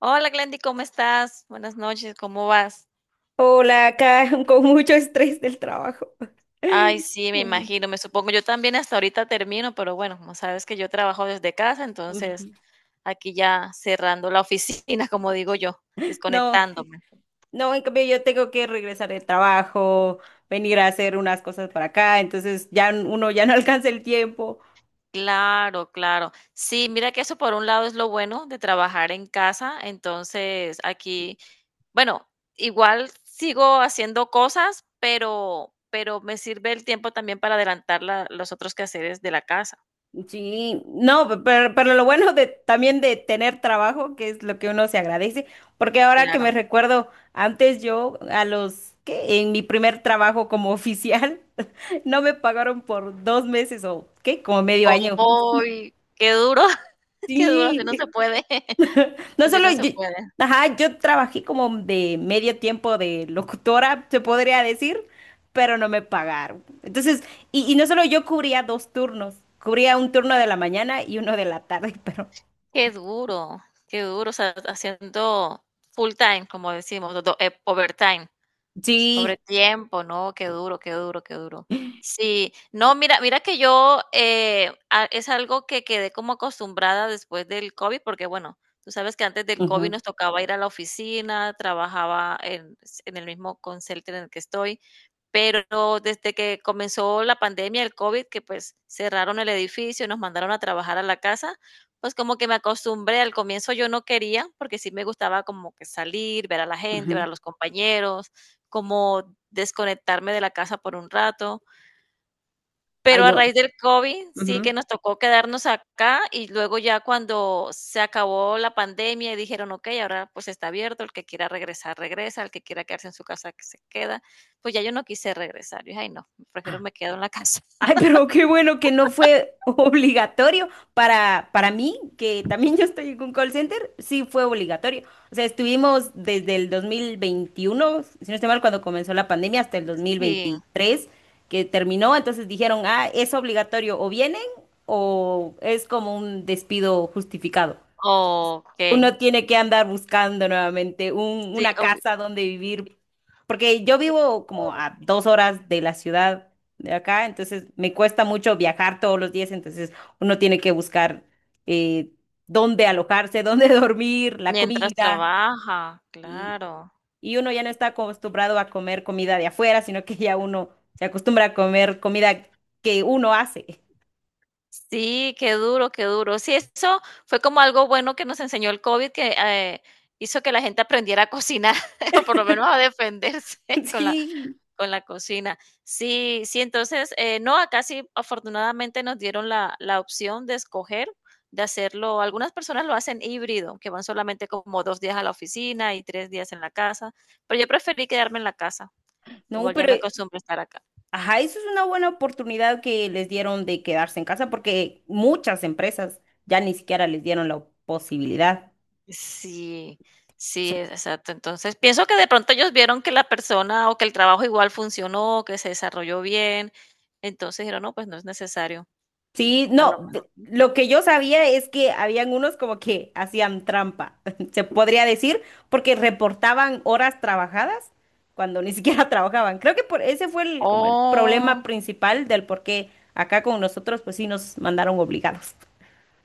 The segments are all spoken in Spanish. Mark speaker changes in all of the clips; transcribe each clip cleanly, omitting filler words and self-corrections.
Speaker 1: Hola Glendy, ¿cómo estás? Buenas noches, ¿cómo vas?
Speaker 2: Hola, acá con mucho estrés del trabajo.
Speaker 1: Ay, sí, me
Speaker 2: Un-
Speaker 1: imagino, me supongo. Yo también hasta ahorita termino, pero bueno, como sabes que yo trabajo desde casa, entonces
Speaker 2: Ujú.
Speaker 1: aquí ya cerrando la oficina, como digo yo,
Speaker 2: No,
Speaker 1: desconectándome.
Speaker 2: no, en cambio yo tengo que regresar del trabajo, venir a hacer unas cosas para acá, entonces ya uno ya no alcanza el tiempo.
Speaker 1: Claro, claro. Sí, mira que eso por un lado es lo bueno de trabajar en casa, entonces aquí, bueno, igual sigo haciendo cosas, pero me sirve el tiempo también para adelantar los otros quehaceres de la casa.
Speaker 2: Sí, no, pero lo bueno de también de tener trabajo, que es lo que uno se agradece, porque ahora que me
Speaker 1: Claro.
Speaker 2: recuerdo, antes yo a los que en mi primer trabajo como oficial no me pagaron por 2 meses o qué, como medio año.
Speaker 1: ¡Ay, qué duro, qué duro, así no se
Speaker 2: Sí.
Speaker 1: puede!
Speaker 2: No
Speaker 1: Así
Speaker 2: solo
Speaker 1: no se
Speaker 2: yo,
Speaker 1: puede.
Speaker 2: ajá, yo trabajé como de medio tiempo de locutora, se podría decir, pero no me pagaron. Entonces, y no solo yo cubría dos turnos, cubría un turno de la mañana y uno de la tarde, pero
Speaker 1: Qué duro, qué duro, o sea, haciendo full time, como decimos, do do overtime. Sobre
Speaker 2: sí.
Speaker 1: tiempo, no, qué duro, qué duro, qué duro. Sí, no, mira, mira que yo es algo que quedé como acostumbrada después del COVID, porque bueno, tú sabes que antes del COVID
Speaker 2: Ujú,
Speaker 1: nos tocaba ir a la oficina, en el mismo consulting en el que estoy, pero desde que comenzó la pandemia, el COVID, que pues cerraron el edificio y nos mandaron a trabajar a la casa, pues como que me acostumbré, al comienzo yo no quería, porque sí me gustaba como que salir, ver a la gente, ver a
Speaker 2: ujú.
Speaker 1: los compañeros, como desconectarme de la casa por un rato.
Speaker 2: Ay,
Speaker 1: Pero a
Speaker 2: no.
Speaker 1: raíz del COVID sí que
Speaker 2: Ujú.
Speaker 1: nos tocó quedarnos acá y luego ya cuando se acabó la pandemia y dijeron, ok, ahora pues está abierto, el que quiera regresar, regresa, el que quiera quedarse en su casa, que se queda. Pues ya yo no quise regresar, yo dije, ay no, prefiero me quedo en la casa.
Speaker 2: Ay, pero qué bueno que no fue obligatorio para mí, que también yo estoy en un call center, sí fue obligatorio. O sea, estuvimos desde el 2021, si no estoy mal, cuando comenzó la pandemia, hasta el dos mil
Speaker 1: Sí,
Speaker 2: veintitrés que terminó. Entonces dijeron, ah, es obligatorio, o vienen o es como un despido justificado.
Speaker 1: ok,
Speaker 2: Uno tiene que andar buscando nuevamente
Speaker 1: sí,
Speaker 2: una
Speaker 1: ob-
Speaker 2: casa donde vivir, porque yo vivo como a 2 horas de la ciudad de acá, entonces me cuesta mucho viajar todos los días, entonces uno tiene que buscar eh, dónde alojarse, dónde dormir, la
Speaker 1: mientras
Speaker 2: comida,
Speaker 1: trabaja,
Speaker 2: y,
Speaker 1: claro.
Speaker 2: y uno ya no está acostumbrado a comer comida de afuera, sino que ya uno se acostumbra a comer comida que uno hace.
Speaker 1: Sí, qué duro, qué duro. Sí, eso fue como algo bueno que nos enseñó el COVID, que hizo que la gente aprendiera a cocinar, o por lo menos a defenderse con la,
Speaker 2: Sí,
Speaker 1: con la cocina. Sí, sí, entonces, no, acá sí, afortunadamente nos dieron la opción de escoger, de hacerlo. Algunas personas lo hacen híbrido, que van solamente como 2 días a la oficina y 3 días en la casa, pero yo preferí quedarme en la casa.
Speaker 2: no,
Speaker 1: Igual ya
Speaker 2: pero.
Speaker 1: me acostumbré a estar acá.
Speaker 2: Ajá, eso es una buena oportunidad que les dieron de quedarse en casa porque muchas empresas ya ni siquiera les dieron la posibilidad.
Speaker 1: Sí, sí,
Speaker 2: Sí.
Speaker 1: e- exacto. Entonces, pienso que de pronto ellos vieron que la persona o que el trabajo igual funcionó, que se desarrolló bien. Entonces dijeron, no, pues no es necesario.
Speaker 2: Sí,
Speaker 1: A lo
Speaker 2: no,
Speaker 1: mejor.
Speaker 2: lo que yo sabía es que habían unos como que hacían trampa, se podría decir, porque reportaban horas trabajadas cuando ni siquiera trabajaban. Creo que por ese fue el, como el problema
Speaker 1: Oh,
Speaker 2: principal del por qué acá con nosotros pues sí nos mandaron obligados.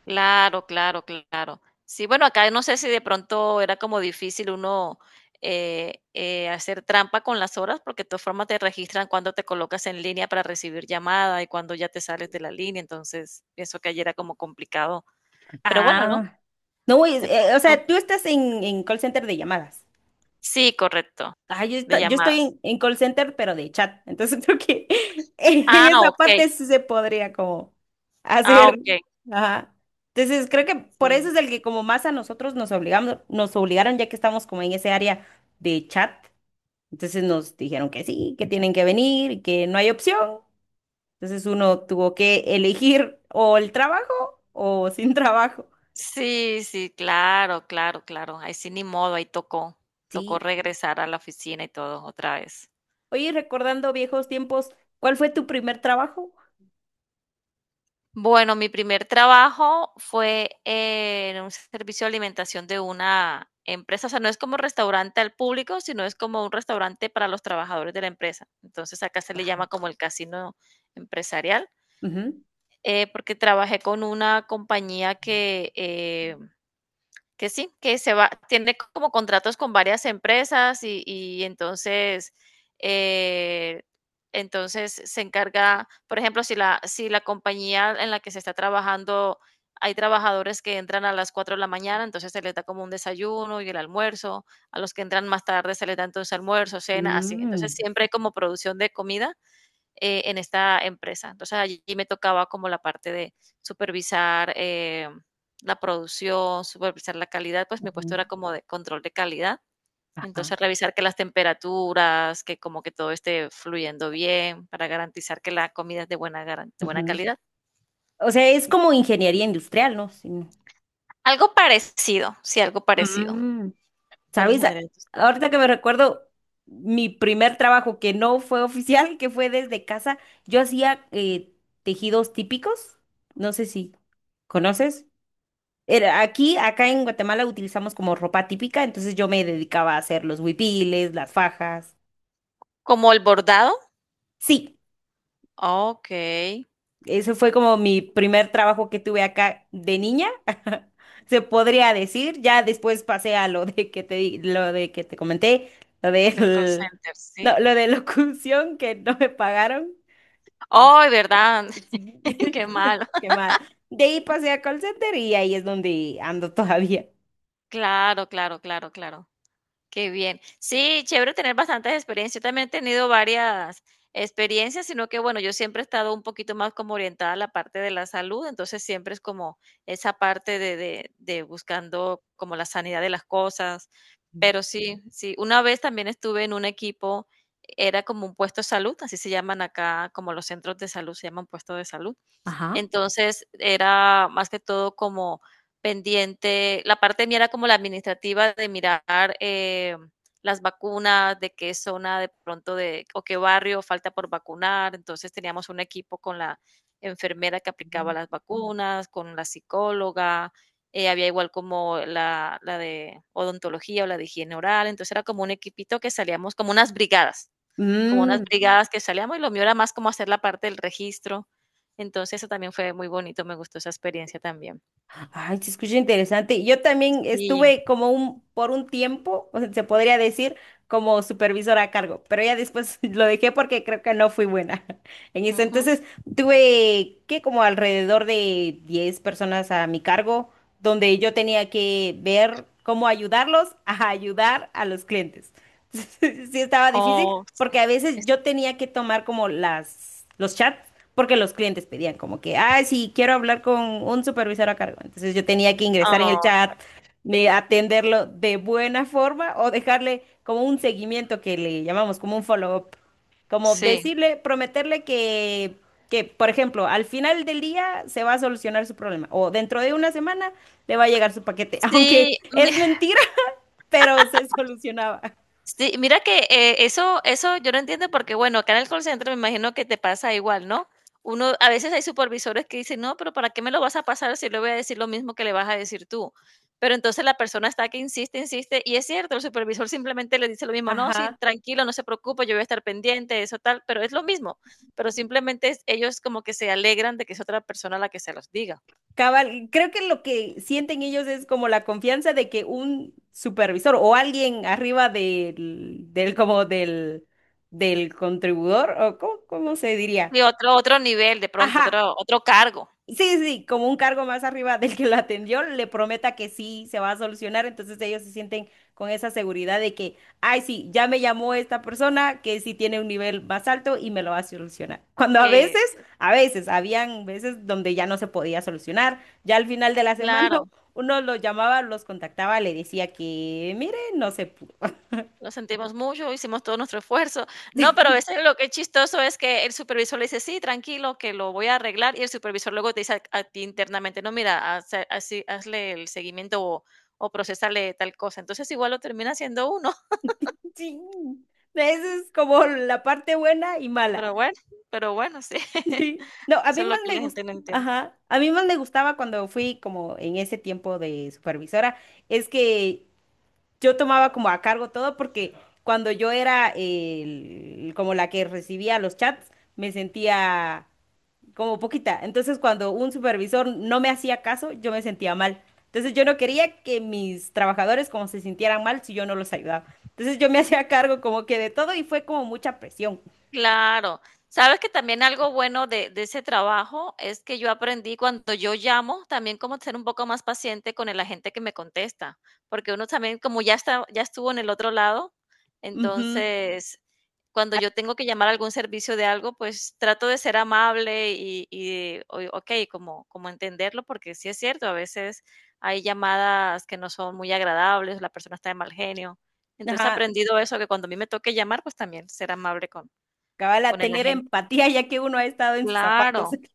Speaker 1: claro, claro, claro. Sí, bueno, acá no sé si de pronto era como difícil uno hacer trampa con las horas, porque de todas formas te registran cuando te colocas en línea para recibir llamada y cuando ya te sales de la línea. Entonces, pienso que ayer era como complicado. Pero bueno, ¿no?
Speaker 2: Ah, no,
Speaker 1: De
Speaker 2: o
Speaker 1: pronto.
Speaker 2: sea, tú estás en call center de llamadas.
Speaker 1: Sí, correcto,
Speaker 2: Ay,
Speaker 1: de
Speaker 2: yo estoy
Speaker 1: llamadas.
Speaker 2: en call center, pero de chat. Entonces creo que en
Speaker 1: Ah,
Speaker 2: esa
Speaker 1: okey,
Speaker 2: parte sí se podría como
Speaker 1: ah,
Speaker 2: hacer.
Speaker 1: okey,
Speaker 2: Ajá. Entonces creo que por
Speaker 1: sí.
Speaker 2: eso es el que como más a nosotros nos obligaron ya que estamos como en ese área de chat. Entonces nos dijeron que sí, que tienen que venir y que no hay opción. Entonces uno tuvo que elegir o el trabajo o sin trabajo.
Speaker 1: Sí, sí, claro, claro, claro. Ahí sí ni modo, ahí tocó, tocó
Speaker 2: Sí.
Speaker 1: regresar a la oficina y todo otra vez.
Speaker 2: Oye, recordando viejos tiempos, ¿cuál fue tu primer trabajo?
Speaker 1: Bueno, mi primer trabajo fue en un servicio de alimentación de una empresa, o sea, no es como restaurante al público, sino es como un restaurante para los trabajadores de la empresa. Entonces, acá se le llama
Speaker 2: Ajá.
Speaker 1: como el casino empresarial,
Speaker 2: Ujú.
Speaker 1: porque trabajé con una compañía que, que sí, que se va tiene como contratos con varias empresas y entonces, eh, entonces se encarga, por ejemplo, si la compañía en la que se está trabajando, hay trabajadores que entran a las 4 de la mañana, entonces se les da como un desayuno y el almuerzo, a los que entran más tarde se les da entonces almuerzo, cena, así.
Speaker 2: Mm.
Speaker 1: Entonces, siempre hay como producción de comida, en esta empresa. Entonces allí me tocaba como la parte de supervisar, la producción, supervisar la calidad, pues mi puesto
Speaker 2: Ujú.
Speaker 1: era como de control de calidad.
Speaker 2: Ajá.
Speaker 1: Entonces revisar que las temperaturas, que como que todo esté fluyendo bien para garantizar que la comida es de buena, garan- de buena
Speaker 2: Ujú.
Speaker 1: calidad.
Speaker 2: O sea, es como ingeniería industrial, ¿no? Sí, no.
Speaker 1: Algo parecido, sí, algo parecido
Speaker 2: Mm,
Speaker 1: con
Speaker 2: ¿Sabes?
Speaker 1: ingeniería industrial.
Speaker 2: Ahorita que me recuerdo mi primer trabajo que no fue oficial, que fue desde casa, yo hacía tejidos típicos. No sé si conoces. Era aquí, acá en Guatemala utilizamos como ropa típica, entonces yo me dedicaba a hacer los huipiles, las fajas.
Speaker 1: Como el bordado.
Speaker 2: Sí.
Speaker 1: Ok, el
Speaker 2: Ese fue como mi primer trabajo que tuve acá de niña, se podría decir. Ya después pasé a lo de que lo de que te comenté, lo
Speaker 1: call
Speaker 2: de
Speaker 1: center,
Speaker 2: no,
Speaker 1: sí.
Speaker 2: lo de locución que no me pagaron.
Speaker 1: Ay, ¿verdad?
Speaker 2: Sí.
Speaker 1: Qué malo.
Speaker 2: Qué mal. De ahí pasé a call center y ahí es donde ando todavía.
Speaker 1: Claro, claro, claro, claro. Qué bien. Sí, chévere tener bastantes experiencias. Yo también he tenido varias experiencias, sino que bueno, yo siempre he estado un poquito más como orientada a la parte de la salud, entonces siempre es como esa parte de buscando como la sanidad de las cosas. Pero sí, sí, una vez también estuve en un equipo, era como un puesto de salud, así se llaman acá, como los centros de salud se llaman puestos de salud.
Speaker 2: Ajá.
Speaker 1: Entonces era más que todo como pendiente, la parte mía era como la administrativa de mirar, eh, las vacunas, de qué zona de pronto de, o qué barrio falta por vacunar. Entonces teníamos un equipo con la enfermera que aplicaba las vacunas, con la psicóloga, había igual como la de odontología o la de higiene oral, entonces era como un equipito que salíamos como unas brigadas,
Speaker 2: Mm,
Speaker 1: que salíamos y lo mío era más como hacer la parte del registro. Entonces, eso también fue muy bonito, me gustó esa experiencia también.
Speaker 2: Ay, se escucha interesante. Yo también
Speaker 1: Sí,
Speaker 2: estuve como por un tiempo, o sea, se podría decir, como supervisora a cargo, pero ya después lo dejé porque creo que no fui buena en eso.
Speaker 1: ujú.
Speaker 2: Entonces, tuve que como alrededor de 10 personas a mi cargo, donde yo tenía que ver cómo ayudarlos a ayudar a los clientes. Sí estaba difícil
Speaker 1: Oh, sí.
Speaker 2: porque a veces
Speaker 1: Es
Speaker 2: yo tenía que tomar como los chats porque los clientes pedían como que, ay, sí, quiero hablar con un supervisor a cargo. Entonces yo tenía que ingresar en el
Speaker 1: oh,
Speaker 2: chat, atenderlo de buena forma o dejarle como un seguimiento que le llamamos como un follow-up. Como
Speaker 1: sí.
Speaker 2: decirle, prometerle que, por ejemplo, al final del día se va a solucionar su problema o dentro de una semana le va a llegar su paquete, aunque
Speaker 1: Sí,
Speaker 2: es mentira, pero se solucionaba.
Speaker 1: sí, mira que eso yo no entiendo porque, bueno, acá en el call center me imagino que te pasa igual, ¿no? Uno, a veces hay supervisores que dicen, no, pero ¿para qué me lo vas a pasar si le voy a decir lo mismo que le vas a decir tú? Pero entonces la persona está que insiste, insiste, y es cierto, el supervisor simplemente le dice lo mismo, no, sí,
Speaker 2: Ajá.
Speaker 1: tranquilo, no se preocupe, yo voy a estar pendiente, eso tal, pero es lo mismo, pero simplemente es- ellos como que se alegran de que es otra persona la que se los diga.
Speaker 2: Cabal, creo que lo que sienten ellos es como la confianza de que un supervisor o alguien arriba del contribuidor, o cómo se diría.
Speaker 1: Otro nivel, de pronto,
Speaker 2: Ajá,
Speaker 1: otro cargo.
Speaker 2: sí, sí, como un cargo más arriba del que lo atendió, le prometa que sí se va a solucionar, entonces ellos se sienten con esa seguridad de que, ay, sí, ya me llamó esta persona que sí tiene un nivel más alto y me lo va a solucionar. Cuando a veces,
Speaker 1: Sí,
Speaker 2: habían veces donde ya no se podía solucionar, ya al final de la semana
Speaker 1: claro.
Speaker 2: uno los llamaba, los contactaba, le decía que, mire, no se pudo.
Speaker 1: Lo sentimos mucho, hicimos todo nuestro esfuerzo. No, pero a veces lo que es chistoso es que el supervisor le dice, sí, tranquilo, que lo voy a arreglar, y el supervisor luego te dice a ti internamente, no, mira, hace- así, hazle el seguimiento o procesarle tal cosa. Entonces igual lo termina haciendo uno,
Speaker 2: Sí, esa es como la parte buena y mala.
Speaker 1: pero bueno, pero bueno, sí.
Speaker 2: Sí. No, a
Speaker 1: Eso
Speaker 2: mí
Speaker 1: es lo
Speaker 2: más
Speaker 1: que
Speaker 2: me
Speaker 1: la gente no entiende.
Speaker 2: a mí más me gustaba cuando fui como en ese tiempo de supervisora, es que yo tomaba como a cargo todo porque cuando yo como la que recibía los chats, me sentía como poquita. Entonces, cuando un supervisor no me hacía caso, yo me sentía mal. Entonces, yo no quería que mis trabajadores como se sintieran mal si yo no los ayudaba. Entonces, yo me hacía cargo como que de todo y fue como mucha presión.
Speaker 1: Claro. Sabes que también algo bueno de ese trabajo es que yo aprendí cuando yo llamo también como ser un poco más paciente con la gente que me contesta, porque uno también como ya está, ya estuvo en el otro lado,
Speaker 2: Ujú.
Speaker 1: entonces cuando yo tengo que llamar a algún servicio de algo, pues trato de ser amable y o- ok, como, como entenderlo, porque sí es cierto, a veces hay llamadas que no son muy agradables, la persona está de mal genio. Entonces he
Speaker 2: Ajá.
Speaker 1: aprendido eso, que cuando a mí me toque llamar, pues también ser amable
Speaker 2: Cabal, a
Speaker 1: con el
Speaker 2: tener
Speaker 1: agente.
Speaker 2: empatía ya que uno ha estado en sus zapatos.
Speaker 1: Claro,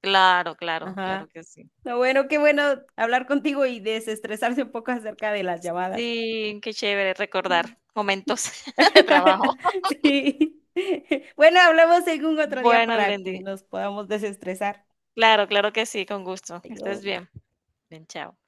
Speaker 1: claro, claro,
Speaker 2: Ajá.
Speaker 1: claro que sí.
Speaker 2: No, bueno, qué bueno hablar contigo y desestresarse un poco acerca de las llamadas.
Speaker 1: Sí, qué chévere recordar momentos de trabajo.
Speaker 2: Sí. Bueno, hablamos en un otro día
Speaker 1: Bueno,
Speaker 2: para que
Speaker 1: Glendy,
Speaker 2: nos podamos desestresar.
Speaker 1: claro, claro que sí, con gusto. Que estés
Speaker 2: Adiós.
Speaker 1: bien. Bien, chao.